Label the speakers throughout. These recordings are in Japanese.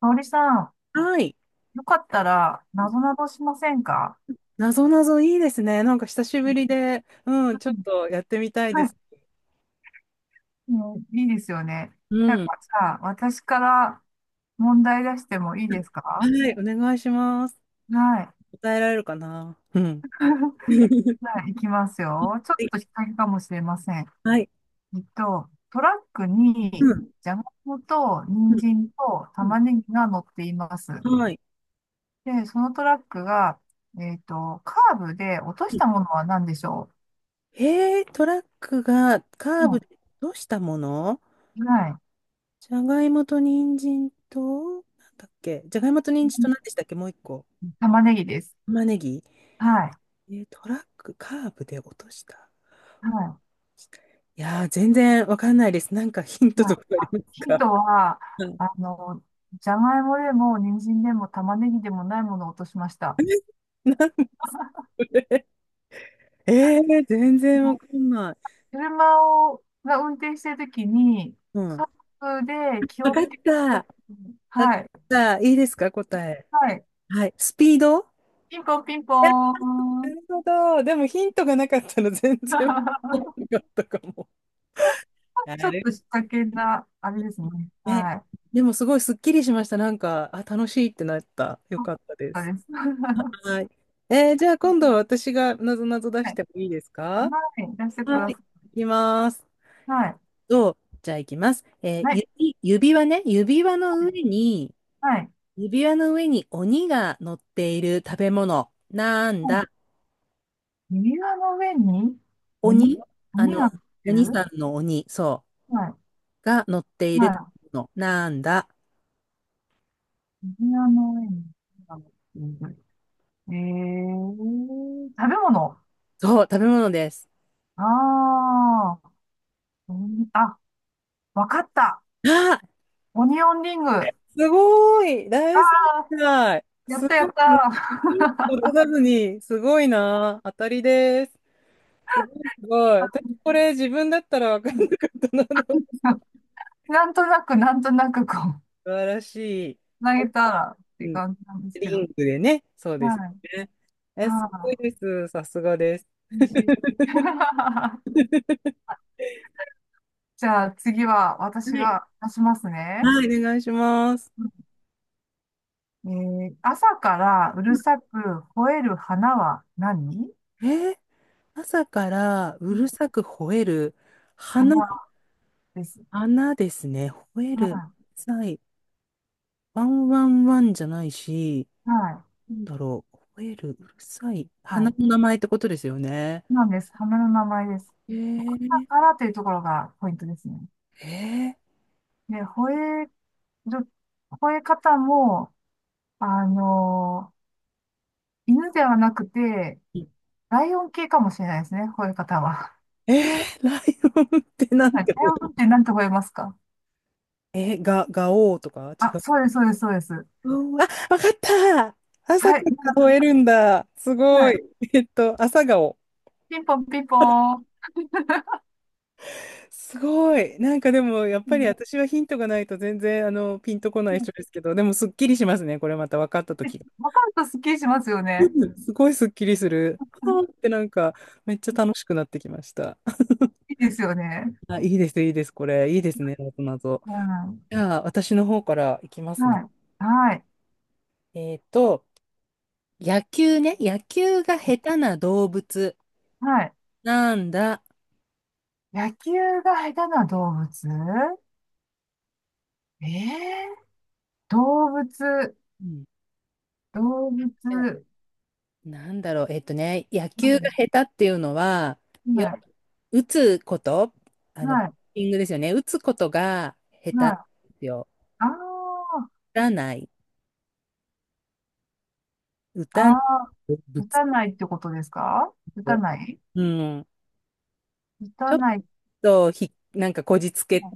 Speaker 1: 香織さん、
Speaker 2: はい。
Speaker 1: よかったら、なぞなぞしませんか？
Speaker 2: なぞなぞいいですね。なんか久し
Speaker 1: う
Speaker 2: ぶりで、
Speaker 1: ん
Speaker 2: ちょっとやってみたいで
Speaker 1: はい。
Speaker 2: す。
Speaker 1: もういいですよね。な
Speaker 2: う
Speaker 1: ん
Speaker 2: ん。
Speaker 1: かさ、私から問題出してもいいです
Speaker 2: は
Speaker 1: か？
Speaker 2: い、お願いします。
Speaker 1: はい。
Speaker 2: 答えられるかな。うん。
Speaker 1: はい、いきますよ。ちょっと引っ掛けかもしれません。
Speaker 2: はい。
Speaker 1: トラック
Speaker 2: う
Speaker 1: に、
Speaker 2: ん。
Speaker 1: じゃがいもと、
Speaker 2: う
Speaker 1: 人
Speaker 2: ん。
Speaker 1: 参と、
Speaker 2: うん。
Speaker 1: 玉ねぎが乗っています。
Speaker 2: はい。
Speaker 1: で、そのトラックが、カーブで落と
Speaker 2: う
Speaker 1: し
Speaker 2: ん。
Speaker 1: たものは何でしょ
Speaker 2: へえ、トラックがカ
Speaker 1: う？
Speaker 2: ーブ
Speaker 1: う
Speaker 2: でどうしたもの。
Speaker 1: ん。はい。
Speaker 2: じゃがいもと人参と、なんだっけ。じゃがいもと人参と何でしたっけ。もう一個。
Speaker 1: 玉ねぎです。
Speaker 2: 玉ねぎ。
Speaker 1: はい。
Speaker 2: トラックカーブで落とした。
Speaker 1: は
Speaker 2: いやー、全然わかんないです。なんかヒン
Speaker 1: い。
Speaker 2: ト
Speaker 1: はい。
Speaker 2: とかあり
Speaker 1: あ、
Speaker 2: ます
Speaker 1: ヒン
Speaker 2: か？
Speaker 1: トは、あ の、じゃがいもでも、人参でも、玉ねぎでもないものを落としました。
Speaker 2: なんで 全然わかんない。
Speaker 1: 車を、が運転してるときに、
Speaker 2: う
Speaker 1: カ
Speaker 2: ん。
Speaker 1: ップで気
Speaker 2: わ
Speaker 1: を
Speaker 2: かっ
Speaker 1: つける
Speaker 2: た。わ
Speaker 1: と、
Speaker 2: かっ
Speaker 1: はい。
Speaker 2: た。いいですか、答え。
Speaker 1: はい。
Speaker 2: はい。スピード。
Speaker 1: ピンポンピンポー
Speaker 2: な
Speaker 1: ン。
Speaker 2: るほど。でもヒントがなかったら 全然わかん なかったかも。な
Speaker 1: ちょっ
Speaker 2: る
Speaker 1: と仕掛けな、あれ
Speaker 2: ほ
Speaker 1: ですね。
Speaker 2: どね。
Speaker 1: はい。
Speaker 2: でもすごいすっきりしました。なんか、あ、楽しいってなった。よ
Speaker 1: あ、
Speaker 2: かったで
Speaker 1: そう
Speaker 2: す。
Speaker 1: です。は
Speaker 2: はい。じゃあ今度は私がなぞなぞ出
Speaker 1: い。
Speaker 2: し
Speaker 1: はい。
Speaker 2: てもいいですか？
Speaker 1: 出してく
Speaker 2: は
Speaker 1: だ
Speaker 2: い。
Speaker 1: さい。
Speaker 2: いきます。
Speaker 1: はい。
Speaker 2: と、じゃあいきます。
Speaker 1: はい。
Speaker 2: 指輪ね。指輪の上に、
Speaker 1: はい。
Speaker 2: 指輪の上に鬼が乗っている食べ物。なんだ。
Speaker 1: 指輪の上に鬼、
Speaker 2: 鬼あ
Speaker 1: 鬼
Speaker 2: の、
Speaker 1: が来て
Speaker 2: 鬼
Speaker 1: る。
Speaker 2: さんの鬼、そ
Speaker 1: はい。
Speaker 2: う。が乗っている食
Speaker 1: は
Speaker 2: べ物。なんだ。
Speaker 1: い。指輪の上に鬼が乗っている。えー、食べ物。
Speaker 2: そう、食べ物です。
Speaker 1: あー、鬼、あ、わかった。
Speaker 2: あ、
Speaker 1: オニオンリング。あ
Speaker 2: すごい大正解。
Speaker 1: ー、やっ
Speaker 2: す
Speaker 1: たや
Speaker 2: ご
Speaker 1: っ
Speaker 2: い。
Speaker 1: た。
Speaker 2: ヒント出さずに、すごいな。当たりです。すごい、すごい。私、これ自分だったら分かんなか ったな。
Speaker 1: なんとなく、なんとなく、こう、
Speaker 2: 素晴らしい。
Speaker 1: 投げたらっ
Speaker 2: う
Speaker 1: て
Speaker 2: ん、
Speaker 1: 感じなんですけ
Speaker 2: リ
Speaker 1: ど。
Speaker 2: ンクでね。そうですよ
Speaker 1: はい。
Speaker 2: ね。え、すごい
Speaker 1: は
Speaker 2: です。さすがです。
Speaker 1: い。美味しい。じゃあ次は
Speaker 2: は
Speaker 1: 私
Speaker 2: い、
Speaker 1: が出しますね。
Speaker 2: はい、お願いします。
Speaker 1: えー、朝からう
Speaker 2: う
Speaker 1: る
Speaker 2: ん。
Speaker 1: さく吠える花は何？
Speaker 2: えー朝からう
Speaker 1: うん
Speaker 2: るさく吠える。花、
Speaker 1: 花です。
Speaker 2: 花ですね。吠え
Speaker 1: は
Speaker 2: る。うるさい。ワンワンワンじゃないし、
Speaker 1: い。はい。
Speaker 2: なんだろう。吠える。うるさい。
Speaker 1: は
Speaker 2: 花
Speaker 1: い。
Speaker 2: の名前ってことですよね。
Speaker 1: なんです。花の名前です。
Speaker 2: えー、
Speaker 1: 朝からというところがポイントですね。
Speaker 2: え
Speaker 1: で、吠える、吠え方も、あのー犬ではなくて、
Speaker 2: ー、
Speaker 1: ライオン系かもしれないですね、吠え方は。
Speaker 2: えライオンってなん
Speaker 1: はい。
Speaker 2: て、
Speaker 1: ライオンって何て吠えますか？
Speaker 2: ガオーとか違
Speaker 1: あ、
Speaker 2: う。
Speaker 1: そうです、そうです、そうです。
Speaker 2: あ、わかった。朝
Speaker 1: は
Speaker 2: か
Speaker 1: い。
Speaker 2: ら吠えるんだ。す
Speaker 1: は
Speaker 2: ごい。
Speaker 1: い。
Speaker 2: 朝顔。
Speaker 1: ピンポンピンポン。
Speaker 2: すごい。なんかでも、やっ
Speaker 1: う
Speaker 2: ぱり
Speaker 1: ん
Speaker 2: 私はヒントがないと全然、ピンとこな
Speaker 1: う
Speaker 2: い
Speaker 1: ん
Speaker 2: 人ですけど、でもすっきりしますね。これまた分かったとき。
Speaker 1: わかるとスッキリしますよね。
Speaker 2: うん。すごいすっきりする。あーってなんか、めっちゃ楽しくなってきました。
Speaker 1: いいですよね。
Speaker 2: あ、いいです、いいです、これ。いいですね、なぞなぞ。
Speaker 1: うん。
Speaker 2: じゃあ、私の方からいきますね。
Speaker 1: はい。はい。
Speaker 2: えっと、野球ね。野球が下手な動物。
Speaker 1: はい。
Speaker 2: なんだ。
Speaker 1: 野球が下手な動物。ええー、動物、
Speaker 2: うん。
Speaker 1: 動物、
Speaker 2: なんだろう、野球が下手っていうのは、
Speaker 1: うん。
Speaker 2: よ、
Speaker 1: はい。
Speaker 2: 打つこと、バ
Speaker 1: は
Speaker 2: ッ
Speaker 1: い。
Speaker 2: ティングですよね。打つことが下手な
Speaker 1: は
Speaker 2: んで
Speaker 1: い。
Speaker 2: すよ。
Speaker 1: ああ、
Speaker 2: 打たない、打
Speaker 1: あ
Speaker 2: たない、
Speaker 1: あ、
Speaker 2: ぶ
Speaker 1: 打
Speaker 2: つ
Speaker 1: た
Speaker 2: け
Speaker 1: ないってことですか？打た
Speaker 2: て。
Speaker 1: ない、
Speaker 2: うん。
Speaker 1: 打
Speaker 2: ち
Speaker 1: た
Speaker 2: ょっ
Speaker 1: ない。
Speaker 2: となんかこじつけ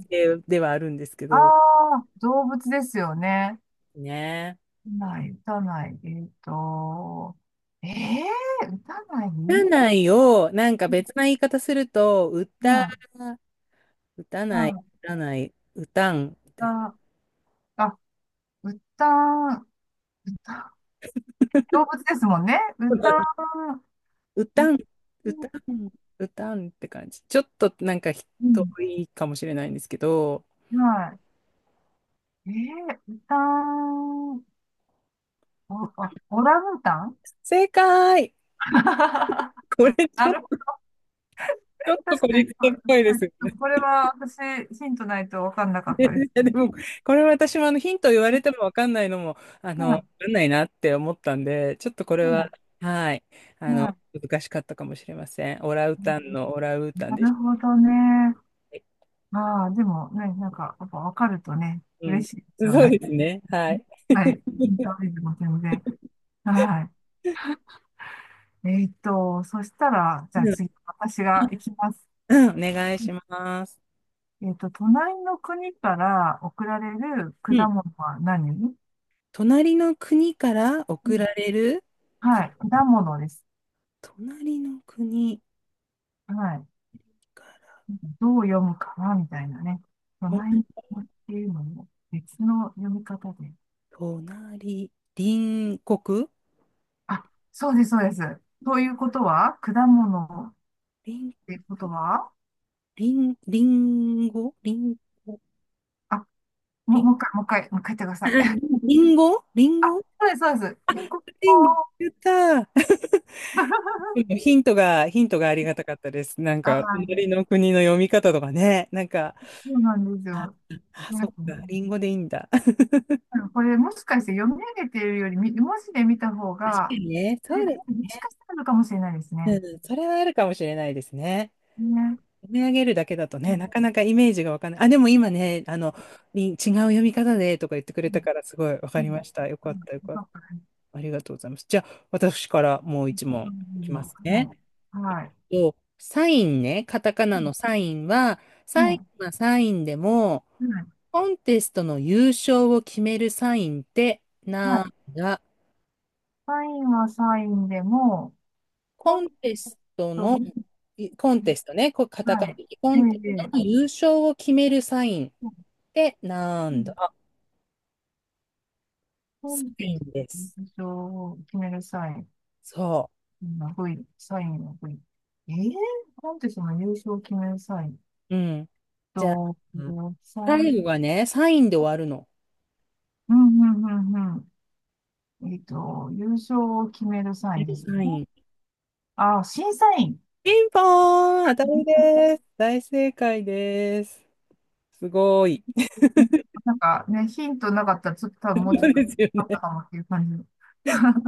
Speaker 2: ではあるんですけ
Speaker 1: ああ
Speaker 2: ど、
Speaker 1: ー、動物ですよね。
Speaker 2: ね。
Speaker 1: 打たない、打たない。ええー、打たないう
Speaker 2: 打た
Speaker 1: ん、
Speaker 2: ないを、なんか別な言い方すると、
Speaker 1: うん、あ
Speaker 2: 打たない、打たない、打たん、みた
Speaker 1: あ
Speaker 2: い
Speaker 1: あ、あ、打た、動物ですもんね。歌、歌、
Speaker 2: な。うたん、うたん、うたんって感じ。ちょっとなんか人
Speaker 1: うん。
Speaker 2: 多いかもしれないんですけど、
Speaker 1: はい。えー、歌、お、あ、オランウータン。
Speaker 2: 正解。 これち
Speaker 1: な
Speaker 2: ょっ
Speaker 1: るほ
Speaker 2: と、
Speaker 1: ど。
Speaker 2: ちょっとこ
Speaker 1: 確か
Speaker 2: じ
Speaker 1: に、
Speaker 2: つ
Speaker 1: こ、
Speaker 2: けっぽいで
Speaker 1: は
Speaker 2: すよ
Speaker 1: い、
Speaker 2: ね。
Speaker 1: これは私、ヒントないと分かんなか ったで
Speaker 2: い
Speaker 1: す。
Speaker 2: やでも、これ私もあのヒント言われてもわかんないのも、
Speaker 1: は
Speaker 2: わ
Speaker 1: い、
Speaker 2: かんないなって思ったんで、ちょっとこれは、
Speaker 1: は
Speaker 2: はい、
Speaker 1: い、はい。
Speaker 2: 難しかったかもしれません。オラウータンのオラウータン
Speaker 1: な
Speaker 2: でし
Speaker 1: るほどね。
Speaker 2: たね。
Speaker 1: ああ、でもね、なんか、やっぱ分かるとね、
Speaker 2: う
Speaker 1: 嬉
Speaker 2: ん。
Speaker 1: しいですよ
Speaker 2: そう
Speaker 1: ね。
Speaker 2: ですね。はい。
Speaker 1: はい。ヒントクイズも全然。はい。えーっと、そしたら、じゃあ
Speaker 2: うん、
Speaker 1: 次、私が行きます。
Speaker 2: うん、お願いします。
Speaker 1: 隣の国から送られる
Speaker 2: うん
Speaker 1: 果物は何？
Speaker 2: 隣の国から
Speaker 1: う
Speaker 2: 送
Speaker 1: ん、
Speaker 2: られる、く、
Speaker 1: はい、果物です。
Speaker 2: 隣の国
Speaker 1: はい。
Speaker 2: から、
Speaker 1: どう読むかなみたいなね。隣の
Speaker 2: と
Speaker 1: 国っていうのも別の読み方で。
Speaker 2: 隣国
Speaker 1: あ、そうです、そうです。ということは、果物っ
Speaker 2: 隣、
Speaker 1: ていうことは、
Speaker 2: 隣、隣語隣語
Speaker 1: あ、
Speaker 2: 隣、
Speaker 1: もう一回、もう一回、もう一回言ってください。
Speaker 2: 隣語 隣
Speaker 1: あ、
Speaker 2: 語
Speaker 1: そうです、そうです。ピ国ク、
Speaker 2: 隣言った。ヒントがありがたかったです。なん
Speaker 1: あ
Speaker 2: か、
Speaker 1: ー、
Speaker 2: 隣の国の読み方とかね。なんか、
Speaker 1: そうなんです
Speaker 2: あ、
Speaker 1: よ。
Speaker 2: あ、そっか、リンゴでいいんだ。確か
Speaker 1: これもしかして読み上げてるよりみ文字で見た方が、
Speaker 2: にね、
Speaker 1: え、
Speaker 2: そうです。
Speaker 1: もしかしたらあるかもしれないですね。
Speaker 2: うん、それはあるかもしれないですね。
Speaker 1: ね。
Speaker 2: 読み上げるだけだと
Speaker 1: う
Speaker 2: ね、
Speaker 1: ん。
Speaker 2: なかなかイメージがわかんない。あ、でも今ね、違う読み方でとか言ってく
Speaker 1: う
Speaker 2: れた
Speaker 1: ん。
Speaker 2: から、すごいわ
Speaker 1: う
Speaker 2: か
Speaker 1: ん。
Speaker 2: りました。よ
Speaker 1: う
Speaker 2: か
Speaker 1: ん、
Speaker 2: った、よ
Speaker 1: よ
Speaker 2: かっ
Speaker 1: か
Speaker 2: た。
Speaker 1: ったです。
Speaker 2: ありがとうございます。じゃあ、私からもう一
Speaker 1: う
Speaker 2: 問いき
Speaker 1: ん、
Speaker 2: ま
Speaker 1: は
Speaker 2: すね。
Speaker 1: い。はい。
Speaker 2: サインね、カタカナの
Speaker 1: う
Speaker 2: サインは、サイ
Speaker 1: ん。
Speaker 2: ンはサインでも、
Speaker 1: うん、はい。
Speaker 2: コンテストの優勝を決めるサインって
Speaker 1: は
Speaker 2: な
Speaker 1: い。
Speaker 2: んだ？
Speaker 1: サインはサインでも、コ
Speaker 2: コ
Speaker 1: ン
Speaker 2: ンテ
Speaker 1: テス
Speaker 2: スト
Speaker 1: ト
Speaker 2: の、
Speaker 1: に、
Speaker 2: コンテストね、こうカタカ
Speaker 1: は
Speaker 2: ナ
Speaker 1: い。
Speaker 2: でコ
Speaker 1: え
Speaker 2: ンテ
Speaker 1: え、
Speaker 2: スト
Speaker 1: え
Speaker 2: の
Speaker 1: え、
Speaker 2: 優勝を決めるサインってな
Speaker 1: う
Speaker 2: ん
Speaker 1: ん。
Speaker 2: だ？
Speaker 1: コ
Speaker 2: サ
Speaker 1: ンテ
Speaker 2: イン
Speaker 1: ス
Speaker 2: で
Speaker 1: トの
Speaker 2: す。
Speaker 1: 優勝を決める際
Speaker 2: そ
Speaker 1: の V、サインの V。ええ、コンテストの優勝を決める際。
Speaker 2: う。うん。じゃあ、
Speaker 1: と、さん、
Speaker 2: 最後がね、サインで終わるの。
Speaker 1: うんうんうんうん。えっと、優勝を決めるサインです
Speaker 2: サ
Speaker 1: よ
Speaker 2: イ
Speaker 1: ね。
Speaker 2: ン。
Speaker 1: あ、審査員。
Speaker 2: ピンポーン当たりです。大正解です。すごい。
Speaker 1: うん、なんかね、ヒントなかったら、ちょっと多分もうちょ
Speaker 2: そ
Speaker 1: っ
Speaker 2: う
Speaker 1: と
Speaker 2: ですよ
Speaker 1: あった
Speaker 2: ね。
Speaker 1: かもっていう感じ。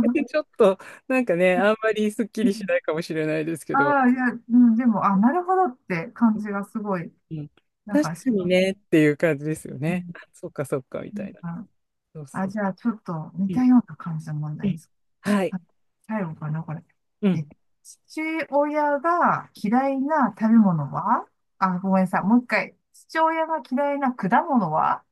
Speaker 2: ちょっと、なんかね、あんまりすっき
Speaker 1: う
Speaker 2: りしな
Speaker 1: ん、
Speaker 2: いかもしれないですけど、
Speaker 1: ああ、いや、うん、でも、あ、なるほどって感じがすごい、
Speaker 2: うん、
Speaker 1: なん
Speaker 2: 確
Speaker 1: かし
Speaker 2: かに
Speaker 1: ま
Speaker 2: ね
Speaker 1: す。
Speaker 2: っていう感じです
Speaker 1: う
Speaker 2: よね。
Speaker 1: ん、
Speaker 2: あそっかそっか、み
Speaker 1: う
Speaker 2: たいな。
Speaker 1: ん、
Speaker 2: そう
Speaker 1: あ、
Speaker 2: そう。
Speaker 1: じゃあ、ちょっと似
Speaker 2: う
Speaker 1: た
Speaker 2: ん、
Speaker 1: ような感じの問
Speaker 2: う
Speaker 1: 題で
Speaker 2: ん。
Speaker 1: す。
Speaker 2: はい。
Speaker 1: あ、最後かな、これ。
Speaker 2: うん。
Speaker 1: え、父親が嫌いな食べ物は、あ、ごめんなさい。もう一回。父親が嫌いな果物は？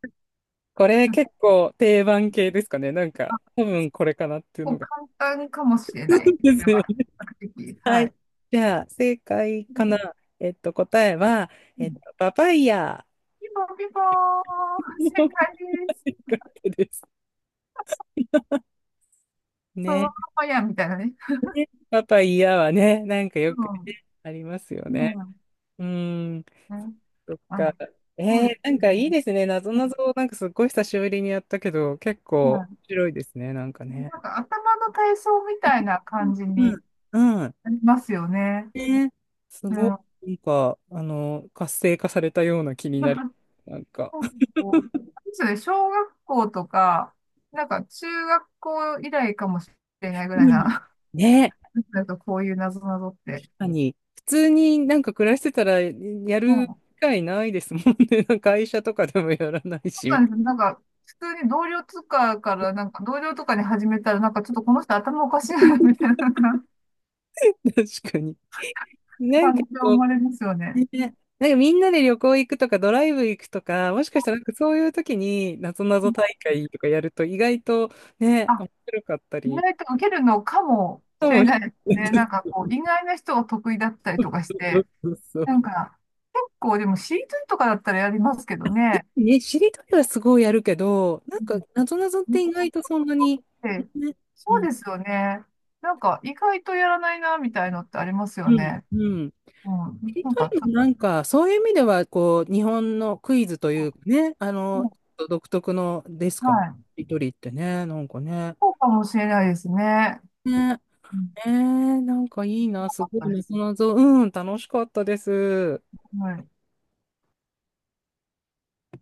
Speaker 2: これ
Speaker 1: うん
Speaker 2: 結構定番系ですかね。なん
Speaker 1: あ、
Speaker 2: か、多分これかなっていう
Speaker 1: こ
Speaker 2: の
Speaker 1: う
Speaker 2: が。
Speaker 1: 簡単かもしれ
Speaker 2: そう
Speaker 1: ない。こ
Speaker 2: で
Speaker 1: れ
Speaker 2: す
Speaker 1: は、比
Speaker 2: よ。
Speaker 1: 較的。
Speaker 2: は
Speaker 1: は
Speaker 2: い。
Speaker 1: い。
Speaker 2: じゃあ、正解
Speaker 1: う
Speaker 2: かな。
Speaker 1: ん。
Speaker 2: 答えは、
Speaker 1: うん。
Speaker 2: パパイヤ。
Speaker 1: ピンポンピンポーン、正解
Speaker 2: よか
Speaker 1: です。
Speaker 2: ったです。
Speaker 1: そのま
Speaker 2: ね。
Speaker 1: まや、みたいなね。
Speaker 2: パパイヤはね、なんか
Speaker 1: う
Speaker 2: よく
Speaker 1: ん。
Speaker 2: ね、ありますよね。
Speaker 1: うん。
Speaker 2: うーん。
Speaker 1: ね、
Speaker 2: そっか。
Speaker 1: あ、そうです
Speaker 2: なん
Speaker 1: ね。
Speaker 2: かいいですね。なぞ
Speaker 1: う
Speaker 2: な
Speaker 1: ん、
Speaker 2: ぞ、なんかすっごい久しぶりにやったけど、結
Speaker 1: い
Speaker 2: 構面
Speaker 1: や、
Speaker 2: 白いですね。なんかね。
Speaker 1: なんか頭の体操みたいな感じ
Speaker 2: う
Speaker 1: に
Speaker 2: ん。うん。
Speaker 1: なりますよね。
Speaker 2: ね。す
Speaker 1: う
Speaker 2: ご
Speaker 1: ん。
Speaker 2: い、なんか、活性化されたような気になる。なんか。
Speaker 1: そうそうあれですよね、小学校とか、なんか中学校以来かもしれないぐらい
Speaker 2: うん。
Speaker 1: な、
Speaker 2: ね。
Speaker 1: なんかこういう謎ぞって。
Speaker 2: 普通になんか暮らしてたらや
Speaker 1: う
Speaker 2: る
Speaker 1: ん。そ
Speaker 2: 機会ないですもんね。なんか会社とかでもやらない
Speaker 1: うな
Speaker 2: し、
Speaker 1: んですよ。なんか、普通に同僚とかから、なんか同僚とかに始めたら、なんかちょっとこの人頭おかしいな、みたいな、なんか
Speaker 2: 確かに。なんか
Speaker 1: 感じが生
Speaker 2: こ
Speaker 1: まれますよ
Speaker 2: う、
Speaker 1: ね。
Speaker 2: ね、なんかみんなで旅行行くとかドライブ行くとか、もしかしたらなんかそういう時になぞなぞ大会とかやると意外とね、
Speaker 1: あ、
Speaker 2: 面白かった
Speaker 1: 意
Speaker 2: り、
Speaker 1: 外と受けるのかも
Speaker 2: か
Speaker 1: しれ
Speaker 2: もし
Speaker 1: ないです
Speaker 2: れな
Speaker 1: ね。なん
Speaker 2: い。
Speaker 1: かこう、意外な人が得意だったりとかし
Speaker 2: そ
Speaker 1: て、
Speaker 2: うそうそう。
Speaker 1: なんか、結構でも C2 とかだったらやりますけどね。
Speaker 2: ね、しりとりはすごいやるけど、なんかなぞなぞって意外とそんなに、
Speaker 1: ええ、
Speaker 2: ね、う
Speaker 1: そう
Speaker 2: ん、
Speaker 1: ですよね。なんか意外とやらないな、みたいのってあります
Speaker 2: う
Speaker 1: よ
Speaker 2: ん、
Speaker 1: ね。
Speaker 2: うん。し
Speaker 1: うん。
Speaker 2: り
Speaker 1: なん
Speaker 2: と
Speaker 1: か
Speaker 2: り
Speaker 1: ちょ
Speaker 2: もな
Speaker 1: っ
Speaker 2: んか、そういう意味では、こう、日本のクイズとい
Speaker 1: と、
Speaker 2: うかね、
Speaker 1: うん、
Speaker 2: 独特のです
Speaker 1: は
Speaker 2: かね。し
Speaker 1: い。
Speaker 2: りとりってね、なんかね。
Speaker 1: そうかもしれないですね。
Speaker 2: ね、
Speaker 1: うん。
Speaker 2: なんかいいな、
Speaker 1: な
Speaker 2: す
Speaker 1: かっ
Speaker 2: ご
Speaker 1: た
Speaker 2: いな、
Speaker 1: です。
Speaker 2: 謎、楽しかったです。
Speaker 1: はい。